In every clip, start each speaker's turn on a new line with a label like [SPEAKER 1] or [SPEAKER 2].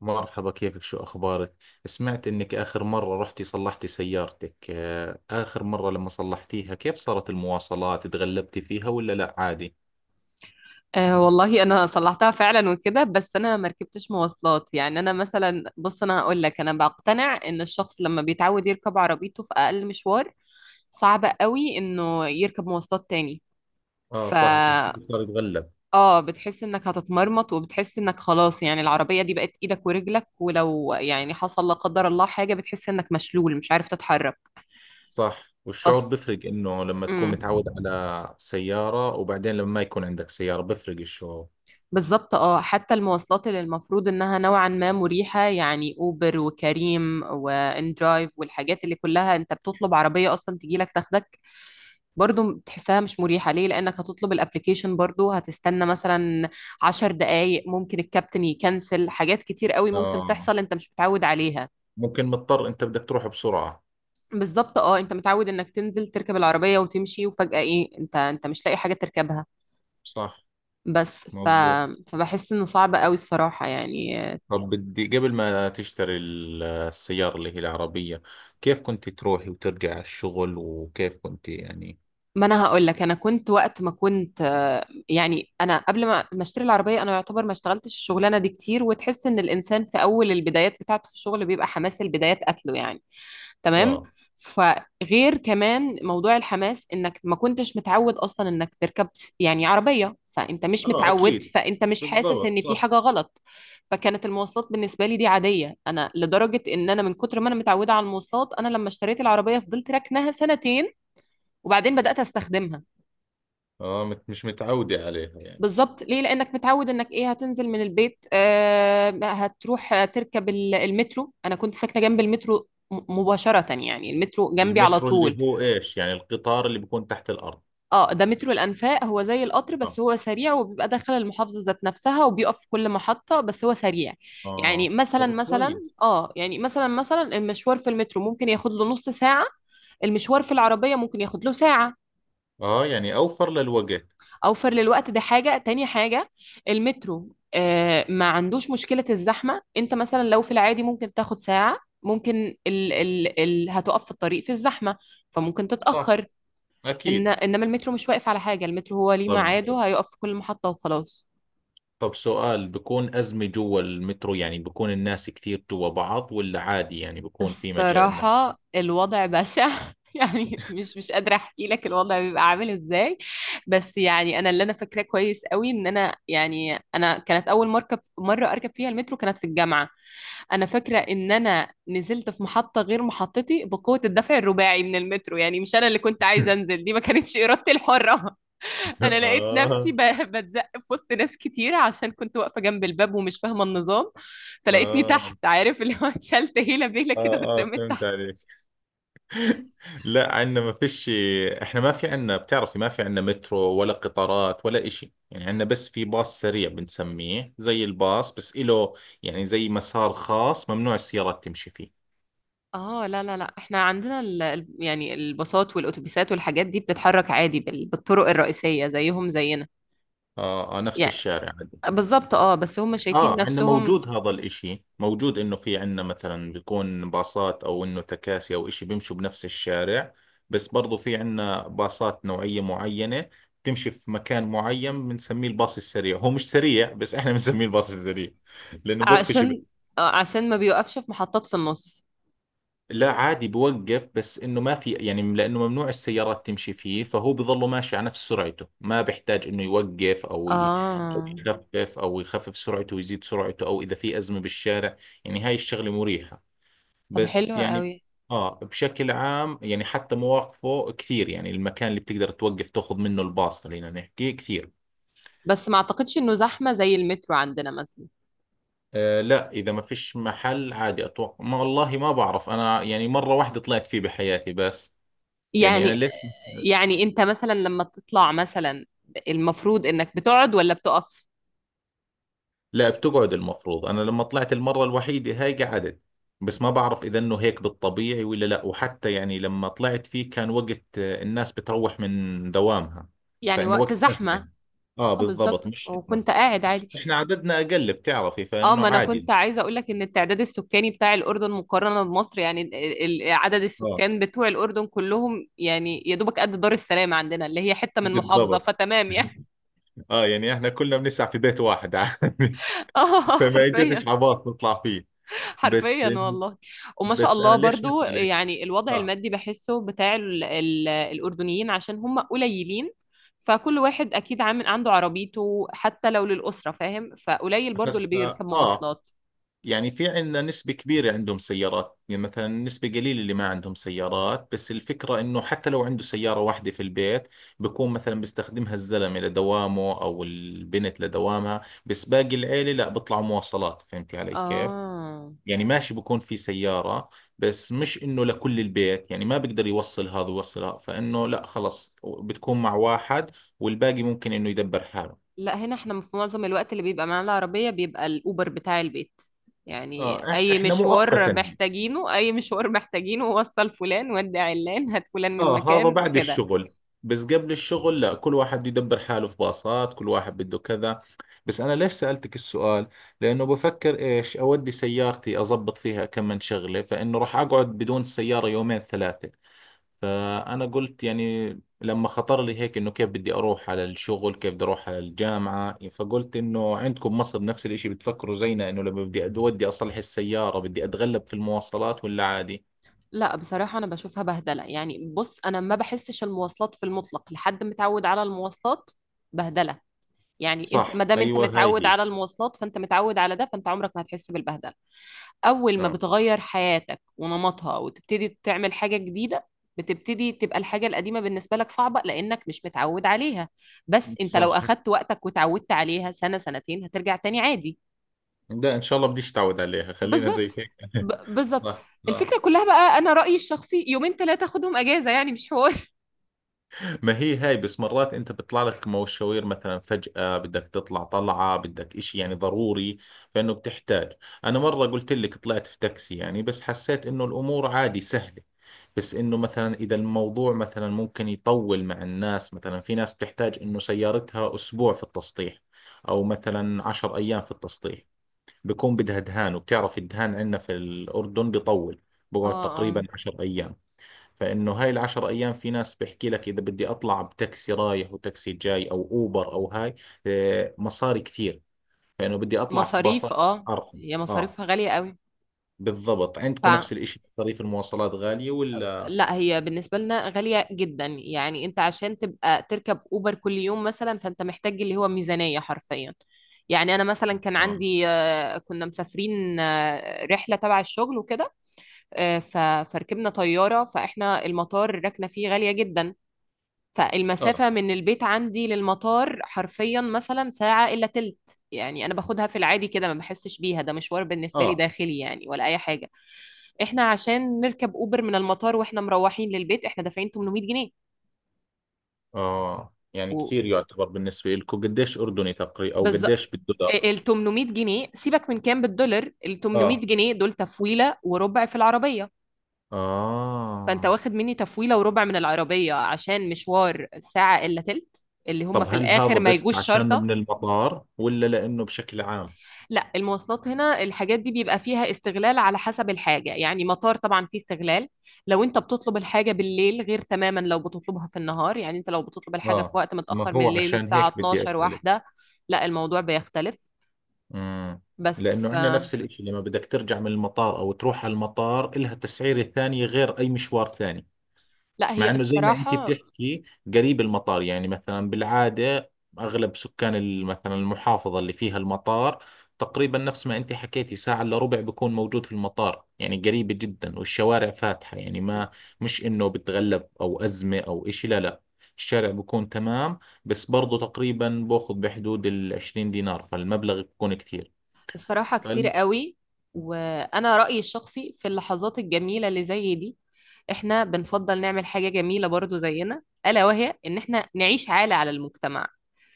[SPEAKER 1] مرحبا كيفك شو أخبارك؟ سمعت إنك آخر مرة رحتي صلحتي سيارتك آخر مرة لما صلحتيها كيف صارت المواصلات؟ تغلبتي فيها ولا لا عادي؟
[SPEAKER 2] أه والله انا صلحتها فعلا وكده. بس انا ما ركبتش مواصلات. يعني انا مثلا، بص، انا هقول لك بقتنع ان الشخص لما بيتعود يركب عربيته في اقل مشوار صعب قوي انه يركب مواصلات تاني.
[SPEAKER 1] آه
[SPEAKER 2] ف
[SPEAKER 1] صح، بتحسي صار يتغلب.
[SPEAKER 2] اه بتحس انك هتتمرمط، وبتحس انك خلاص، يعني العربية دي بقت ايدك ورجلك، ولو يعني حصل لا قدر الله حاجة بتحس انك مشلول مش عارف تتحرك.
[SPEAKER 1] صح، والشعور
[SPEAKER 2] فص...
[SPEAKER 1] بفرق، إنه لما تكون
[SPEAKER 2] مم.
[SPEAKER 1] متعود على سيارة وبعدين لما ما يكون عندك سيارة بفرق الشعور.
[SPEAKER 2] بالظبط اه. حتى المواصلات اللي المفروض انها نوعا ما مريحة، يعني اوبر وكريم واندرايف والحاجات اللي كلها انت بتطلب عربية اصلا تجيلك تاخدك، برضو تحسها مش مريحة. ليه؟ لانك هتطلب الابليكيشن برضو، هتستنى مثلا 10 دقايق، ممكن الكابتن يكنسل، حاجات كتير قوي ممكن
[SPEAKER 1] آه
[SPEAKER 2] تحصل انت مش متعود عليها.
[SPEAKER 1] ممكن مضطر، أنت بدك تروح بسرعة.
[SPEAKER 2] بالظبط اه، انت متعود انك تنزل تركب العربية وتمشي، وفجأة ايه، انت مش لاقي حاجة تركبها.
[SPEAKER 1] صح،
[SPEAKER 2] بس ف...
[SPEAKER 1] مظبوط.
[SPEAKER 2] فبحس انه صعب قوي الصراحة يعني.
[SPEAKER 1] طب بدي قبل ما تشتري السيارة اللي هي العربية، كيف كنت تروحي وترجعي على الشغل وكيف كنت يعني.
[SPEAKER 2] ما انا هقول لك، انا كنت وقت ما كنت يعني انا قبل ما اشتري العربيه، انا يعتبر ما اشتغلتش الشغلانه دي كتير، وتحس ان الانسان في اول البدايات بتاعته في الشغل بيبقى حماس البدايات قتله يعني. تمام.
[SPEAKER 1] اه
[SPEAKER 2] فغير كمان موضوع الحماس، انك ما كنتش متعود اصلا انك تركب يعني عربيه، فانت مش
[SPEAKER 1] اه
[SPEAKER 2] متعود،
[SPEAKER 1] اكيد.
[SPEAKER 2] فانت مش حاسس
[SPEAKER 1] بالضبط
[SPEAKER 2] ان في
[SPEAKER 1] صح.
[SPEAKER 2] حاجه غلط. فكانت المواصلات بالنسبه لي دي عاديه. انا لدرجه ان انا من كتر ما انا متعوده على المواصلات، انا لما اشتريت العربيه فضلت راكناها سنتين وبعدين بدات استخدمها.
[SPEAKER 1] اه مش متعودة عليها يعني.
[SPEAKER 2] بالظبط. ليه؟ لانك متعود انك ايه، هتنزل من البيت، آه هتروح تركب المترو. انا كنت ساكنه جنب المترو مباشره، يعني المترو جنبي على
[SPEAKER 1] المترو
[SPEAKER 2] طول.
[SPEAKER 1] اللي هو ايش يعني، القطار اللي بيكون تحت الأرض؟
[SPEAKER 2] اه، ده مترو الانفاق، هو زي القطر
[SPEAKER 1] اه
[SPEAKER 2] بس هو سريع، وبيبقى داخل المحافظه ذات نفسها، وبيقف في كل محطه، بس هو سريع. يعني
[SPEAKER 1] اه،
[SPEAKER 2] مثلا
[SPEAKER 1] طب
[SPEAKER 2] مثلا
[SPEAKER 1] كويس.
[SPEAKER 2] اه يعني مثلا المشوار في المترو ممكن ياخد له نص ساعه، المشوار في العربيه ممكن ياخد له ساعه.
[SPEAKER 1] اه يعني أوفر للوقت.
[SPEAKER 2] اوفر للوقت، دي حاجه. تاني حاجه، المترو ما عندوش مشكله الزحمه. انت مثلا لو في العادي ممكن تاخد ساعه، ممكن ال ال ال هتقف في الطريق في الزحمه، فممكن
[SPEAKER 1] صح
[SPEAKER 2] تتاخر. إن
[SPEAKER 1] أكيد.
[SPEAKER 2] انما المترو مش واقف على حاجه، المترو هو ليه
[SPEAKER 1] طب
[SPEAKER 2] ميعاده، هيقف في كل محطه وخلاص.
[SPEAKER 1] طب سؤال، بكون أزمة جوا المترو؟ يعني بكون الناس كثير جوا بعض ولا عادي؟ يعني بكون في مجال إنك.
[SPEAKER 2] الصراحة الوضع بشع يعني مش قادرة احكي لك الوضع بيبقى عامل ازاي. بس يعني انا اللي انا فاكراه كويس قوي ان انا يعني انا كانت اول مركب، مرة اركب فيها المترو كانت في الجامعة. انا فاكرة ان انا نزلت في محطة غير محطتي بقوة الدفع الرباعي من المترو، يعني مش انا اللي كنت عايزة انزل، دي ما كانتش ارادتي الحرة. انا لقيت نفسي
[SPEAKER 1] آه
[SPEAKER 2] بتزق في وسط ناس كتير، عشان كنت واقفه جنب الباب ومش فاهمه النظام. فلقيتني
[SPEAKER 1] اه
[SPEAKER 2] تحت، عارف اللي هو اتشلت هيله بيله
[SPEAKER 1] اه
[SPEAKER 2] كده
[SPEAKER 1] اه،
[SPEAKER 2] واترميت
[SPEAKER 1] فهمت
[SPEAKER 2] تحت.
[SPEAKER 1] عليك. لا، عندنا ما فيش. احنا ما في عندنا، بتعرفي، ما في عندنا مترو ولا قطارات ولا اشي. يعني عندنا بس في باص سريع بنسميه زي الباص، بس إله يعني زي مسار خاص ممنوع السيارات تمشي فيه.
[SPEAKER 2] اه، لا احنا عندنا يعني الباصات والاتوبيسات والحاجات دي بتتحرك عادي بالطرق الرئيسيه، زيهم زينا
[SPEAKER 1] اه, آه نفس
[SPEAKER 2] يعني.
[SPEAKER 1] الشارع.
[SPEAKER 2] بالظبط اه، بس هم شايفين
[SPEAKER 1] اه عندنا
[SPEAKER 2] نفسهم.
[SPEAKER 1] موجود، هذا الاشي موجود، انه في عندنا مثلا بيكون باصات او انه تكاسي او اشي بيمشوا بنفس الشارع، بس برضو في عندنا باصات نوعية معينة تمشي في مكان معين بنسميه الباص السريع. هو مش سريع بس احنا بنسميه الباص السريع، لانه بوقفش.
[SPEAKER 2] عشان عشان ما بيوقفش في محطات في النص.
[SPEAKER 1] لا عادي بوقف، بس انه ما في يعني، لانه ممنوع السيارات تمشي فيه فهو بظله ماشي على نفس سرعته، ما بيحتاج انه يوقف او ي- أو
[SPEAKER 2] اه،
[SPEAKER 1] يخفف او يخفف سرعته ويزيد سرعته، او اذا في ازمة بالشارع. يعني هاي الشغلة مريحة،
[SPEAKER 2] طب حلو
[SPEAKER 1] بس يعني
[SPEAKER 2] قوي.
[SPEAKER 1] اه بشكل عام، يعني حتى مواقفه كثير، يعني المكان اللي بتقدر توقف تاخذ منه الباص، خلينا نحكي كثير.
[SPEAKER 2] بس ما اعتقدش انه زحمه زي المترو عندنا مثلا.
[SPEAKER 1] آه لا، إذا ما فيش محل عادي أتوقع. ما والله ما بعرف أنا، يعني مرة واحدة طلعت فيه بحياتي بس. يعني أنا
[SPEAKER 2] يعني،
[SPEAKER 1] ليش.
[SPEAKER 2] يعني انت مثلا لما بتطلع مثلا، المفروض انك بتقعد ولا بتقف؟
[SPEAKER 1] لا بتقعد، المفروض انا لما طلعت المره الوحيده هاي قعدت. بس ما بعرف اذا انه هيك بالطبيعي ولا لا، وحتى يعني لما طلعت فيه كان وقت الناس بتروح من دوامها،
[SPEAKER 2] يعني
[SPEAKER 1] فانه
[SPEAKER 2] وقت
[SPEAKER 1] وقت
[SPEAKER 2] زحمة.
[SPEAKER 1] ازمه. اه
[SPEAKER 2] اه
[SPEAKER 1] بالضبط،
[SPEAKER 2] بالظبط،
[SPEAKER 1] مش انه.
[SPEAKER 2] وكنت قاعد
[SPEAKER 1] بس
[SPEAKER 2] عادي.
[SPEAKER 1] احنا عددنا اقل بتعرفي،
[SPEAKER 2] اه،
[SPEAKER 1] فانه
[SPEAKER 2] ما انا كنت
[SPEAKER 1] عادي.
[SPEAKER 2] عايزة اقول لك ان التعداد السكاني بتاع الاردن مقارنة بمصر، يعني عدد
[SPEAKER 1] اه
[SPEAKER 2] السكان بتوع الاردن كلهم، يعني يا دوبك قد دار السلام عندنا اللي هي حتة من محافظة،
[SPEAKER 1] بالضبط.
[SPEAKER 2] فتمام يعني.
[SPEAKER 1] اه يعني احنا كلنا بنسع في بيت واحد عادي.
[SPEAKER 2] اه
[SPEAKER 1] فما اجتش
[SPEAKER 2] حرفيا.
[SPEAKER 1] عباص نطلع فيه. بس.
[SPEAKER 2] حرفيا والله. وما شاء
[SPEAKER 1] بس انا
[SPEAKER 2] الله
[SPEAKER 1] ليش
[SPEAKER 2] برضو،
[SPEAKER 1] بسألك.
[SPEAKER 2] يعني الوضع
[SPEAKER 1] اه
[SPEAKER 2] المادي بحسه بتاع ال الأردنيين، عشان هم قليلين، فكل واحد أكيد عامل عنده عربيته حتى لو للأسرة، فاهم؟ فقليل برضو اللي
[SPEAKER 1] بس اه
[SPEAKER 2] بيركب مواصلات.
[SPEAKER 1] يعني في عندنا نسبة كبيرة عندهم سيارات، يعني مثلا نسبة قليلة اللي ما عندهم سيارات، بس الفكرة إنه حتى لو عنده سيارة واحدة في البيت، بكون مثلا بيستخدمها الزلمة لدوامه أو البنت لدوامها، بس باقي العيلة لا بيطلعوا مواصلات، فهمتي علي كيف؟
[SPEAKER 2] آه
[SPEAKER 1] يعني ماشي، بكون في سيارة بس مش إنه لكل البيت، يعني ما بقدر يوصل هذا ويوصل هذا، فإنه لا خلص بتكون مع واحد، والباقي ممكن إنه يدبر حاله.
[SPEAKER 2] لا، هنا احنا في معظم الوقت اللي بيبقى معانا العربية بيبقى الأوبر بتاع البيت. يعني
[SPEAKER 1] آه
[SPEAKER 2] أي
[SPEAKER 1] إحنا
[SPEAKER 2] مشوار
[SPEAKER 1] مؤقتا.
[SPEAKER 2] محتاجينه، أي مشوار محتاجينه، وصل فلان، ودع علان، هات فلان من
[SPEAKER 1] اه هذا
[SPEAKER 2] مكان
[SPEAKER 1] بعد
[SPEAKER 2] كده.
[SPEAKER 1] الشغل. بس قبل الشغل لا، كل واحد بده يدبر حاله، في باصات، كل واحد بده كذا. بس انا ليش سألتك السؤال؟ لانه بفكر ايش اودي سيارتي اضبط فيها كم من شغلة، فانه راح اقعد بدون السيارة يومين ثلاثة. فانا قلت يعني، لما خطر لي هيك انه كيف بدي اروح على الشغل، كيف بدي اروح على الجامعة، فقلت انه عندكم مصر نفس الاشي، بتفكروا زينا انه لما بدي اودي اصلح السيارة بدي اتغلب في المواصلات ولا عادي.
[SPEAKER 2] لا بصراحة أنا بشوفها بهدلة. يعني بص، أنا ما بحسش المواصلات في المطلق لحد متعود على المواصلات بهدلة. يعني أنت
[SPEAKER 1] صح
[SPEAKER 2] ما دام أنت
[SPEAKER 1] ايوه، هاي
[SPEAKER 2] متعود
[SPEAKER 1] هي.
[SPEAKER 2] على المواصلات فأنت متعود على ده، فأنت عمرك ما هتحس بالبهدلة. أول ما
[SPEAKER 1] اه
[SPEAKER 2] بتغير حياتك ونمطها وتبتدي تعمل حاجة جديدة، بتبتدي تبقى الحاجة القديمة بالنسبة لك صعبة لأنك مش متعود عليها. بس أنت لو
[SPEAKER 1] صح.
[SPEAKER 2] أخدت وقتك وتعودت عليها سنة سنتين هترجع تاني عادي.
[SPEAKER 1] لا ان شاء الله بديش تعود عليها، خلينا زي
[SPEAKER 2] بالظبط.
[SPEAKER 1] هيك.
[SPEAKER 2] بالظبط.
[SPEAKER 1] صح آه.
[SPEAKER 2] الفكرة كلها بقى، أنا رأيي الشخصي، يومين ثلاثة خدهم أجازة يعني مش حوار
[SPEAKER 1] ما هي هاي، بس مرات انت بيطلع لك مشاوير مثلا فجأة، بدك تطلع طلعة، بدك اشي يعني ضروري، فانه بتحتاج. انا مرة قلت لك طلعت في تاكسي يعني، بس حسيت انه الامور عادي سهلة. بس انه مثلا اذا الموضوع مثلا ممكن يطول، مع الناس، مثلا في ناس بتحتاج انه سيارتها اسبوع في التسطيح، او مثلا عشر ايام في التسطيح، بكون بدها دهان، وبتعرف الدهان عندنا في الاردن بيطول،
[SPEAKER 2] اه.
[SPEAKER 1] بقعد
[SPEAKER 2] اه.
[SPEAKER 1] تقريبا عشر أيام. فإنه هاي العشر أيام في ناس بيحكي لك، إذا بدي أطلع بتاكسي رايح وتاكسي جاي أو أوبر أو هاي، مصاري كثير، فإنه بدي أطلع في
[SPEAKER 2] مصاريف
[SPEAKER 1] باصات
[SPEAKER 2] اه.
[SPEAKER 1] أرخص.
[SPEAKER 2] هي
[SPEAKER 1] آه
[SPEAKER 2] مصاريفها غالية قوي.
[SPEAKER 1] بالضبط، عندكم
[SPEAKER 2] فلا،
[SPEAKER 1] نفس الإشي؟ مصاريف المواصلات غالية ولا؟
[SPEAKER 2] هي بالنسبة لنا غالية جدا. يعني انت عشان تبقى تركب اوبر كل يوم مثلا، فانت محتاج اللي هو ميزانية حرفيا. يعني انا مثلا كان
[SPEAKER 1] آه
[SPEAKER 2] عندي كنا مسافرين رحلة تبع الشغل وكده. آه، ف- فركبنا طيارة، فاحنا المطار ركنا فيه غالية جدا.
[SPEAKER 1] آه
[SPEAKER 2] فالمسافة من البيت عندي للمطار حرفيا مثلا ساعة إلا تلت، يعني أنا باخدها في العادي كده ما بحسش بيها، ده مشوار بالنسبة لي
[SPEAKER 1] آه,
[SPEAKER 2] داخلي يعني، ولا أي حاجة. إحنا عشان نركب أوبر من المطار وإحنا مروحين للبيت، إحنا دافعين 800 جنيه.
[SPEAKER 1] آه. يعني كثير يعتبر بالنسبة لكم، قديش أردني تقريبا أو
[SPEAKER 2] وبالظبط،
[SPEAKER 1] قديش بالدولار؟
[SPEAKER 2] ال 800 جنيه سيبك من كام بالدولار، ال 800
[SPEAKER 1] آه
[SPEAKER 2] جنيه دول تفويلة وربع في العربية. فأنت
[SPEAKER 1] آه.
[SPEAKER 2] واخد مني تفويلة وربع من العربية عشان مشوار ساعة إلا تلت اللي هم
[SPEAKER 1] طب
[SPEAKER 2] في
[SPEAKER 1] هل هذا
[SPEAKER 2] الآخر ما
[SPEAKER 1] بس
[SPEAKER 2] يجوش
[SPEAKER 1] عشانه
[SPEAKER 2] شرطة.
[SPEAKER 1] من المطار ولا لأنه بشكل عام؟
[SPEAKER 2] لا، المواصلات هنا الحاجات دي بيبقى فيها استغلال على حسب الحاجة. يعني مطار طبعا فيه استغلال. لو انت بتطلب الحاجة بالليل غير تماما لو بتطلبها في النهار. يعني انت لو بتطلب الحاجة في
[SPEAKER 1] آه،
[SPEAKER 2] وقت
[SPEAKER 1] ما
[SPEAKER 2] متأخر من
[SPEAKER 1] هو
[SPEAKER 2] الليل
[SPEAKER 1] عشان
[SPEAKER 2] الساعة
[SPEAKER 1] هيك بدي
[SPEAKER 2] 12
[SPEAKER 1] أسألك.
[SPEAKER 2] واحدة، لا الموضوع بيختلف.
[SPEAKER 1] امم.
[SPEAKER 2] بس
[SPEAKER 1] لانه
[SPEAKER 2] ف
[SPEAKER 1] عندنا نفس الاشي، لما بدك ترجع من المطار او تروح على المطار إلها تسعيرة ثانية غير اي مشوار ثاني.
[SPEAKER 2] لا
[SPEAKER 1] مع
[SPEAKER 2] هي
[SPEAKER 1] انه زي ما انت
[SPEAKER 2] الصراحة،
[SPEAKER 1] بتحكي، قريب المطار، يعني مثلا بالعادة اغلب سكان مثلا المحافظة اللي فيها المطار، تقريبا نفس ما انت حكيتي، ساعة الا ربع بكون موجود في المطار، يعني قريبة جدا والشوارع فاتحة، يعني ما، مش انه بتغلب او ازمة او اشي، لا لا، الشارع بكون تمام. بس برضو تقريبا باخذ بحدود ال 20 دينار، فالمبلغ بيكون كثير.
[SPEAKER 2] الصراحة كتير
[SPEAKER 1] فالم...
[SPEAKER 2] قوي. وأنا رأيي الشخصي، في اللحظات الجميلة اللي زي دي احنا بنفضل نعمل حاجة جميلة برضو زينا، ألا وهي إن احنا نعيش عالة على المجتمع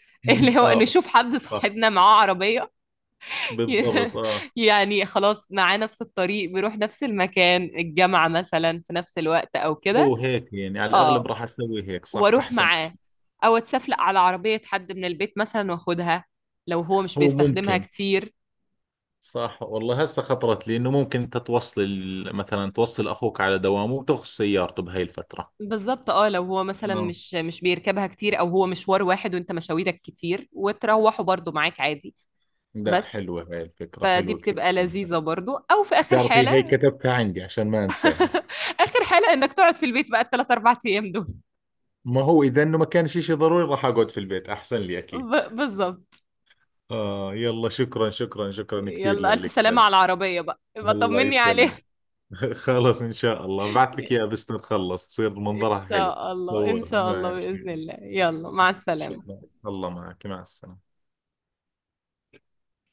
[SPEAKER 2] اللي هو
[SPEAKER 1] اه
[SPEAKER 2] نشوف حد
[SPEAKER 1] صح.
[SPEAKER 2] صاحبنا معاه عربية
[SPEAKER 1] بالضبط اه.
[SPEAKER 2] يعني خلاص معاه نفس الطريق، بيروح نفس المكان، الجامعة مثلا في نفس الوقت أو كده.
[SPEAKER 1] هو هيك يعني، على الاغلب
[SPEAKER 2] اه،
[SPEAKER 1] راح اسوي هيك، صح
[SPEAKER 2] وأروح
[SPEAKER 1] احسن.
[SPEAKER 2] معاه. أو أتسفلق على عربية حد من البيت مثلا وأخدها لو هو مش
[SPEAKER 1] هو
[SPEAKER 2] بيستخدمها
[SPEAKER 1] ممكن.
[SPEAKER 2] كتير.
[SPEAKER 1] صح والله، هسه خطرت لي انه ممكن انت توصل مثلا توصل اخوك على دوامه وتاخذ سيارته بهاي الفتره.
[SPEAKER 2] بالظبط اه، لو هو مثلا
[SPEAKER 1] اه
[SPEAKER 2] مش بيركبها كتير، أو هو مشوار واحد وأنت مشاويرك كتير وتروحوا برضو معاك عادي.
[SPEAKER 1] لا،
[SPEAKER 2] بس
[SPEAKER 1] حلوه هاي الفكره،
[SPEAKER 2] فدي
[SPEAKER 1] حلوه كثير.
[SPEAKER 2] بتبقى لذيذة برضو، أو في آخر
[SPEAKER 1] بتعرفي هي
[SPEAKER 2] حالة،
[SPEAKER 1] كتبتها عندي عشان ما انساها.
[SPEAKER 2] آخر حالة إنك تقعد في البيت بقى الثلاث أربع أيام دول.
[SPEAKER 1] ما هو اذا انه ما كان شيء شيء ضروري راح اقعد في البيت، احسن لي اكيد.
[SPEAKER 2] بالظبط.
[SPEAKER 1] اه يلا، شكرا شكرا شكرا كثير
[SPEAKER 2] يلا ألف
[SPEAKER 1] لك.
[SPEAKER 2] سلامة على العربية بقى، يبقى
[SPEAKER 1] الله
[SPEAKER 2] طمني
[SPEAKER 1] يسلمك.
[SPEAKER 2] عليها.
[SPEAKER 1] خلاص ان شاء الله، بعت لك اياها بس نتخلص تصير
[SPEAKER 2] إن
[SPEAKER 1] منظرها حلو.
[SPEAKER 2] شاء الله، إن
[SPEAKER 1] صورها
[SPEAKER 2] شاء الله،
[SPEAKER 1] ما
[SPEAKER 2] بإذن الله. يلا مع السلامة.
[SPEAKER 1] شاء الله. الله معك، مع السلامة.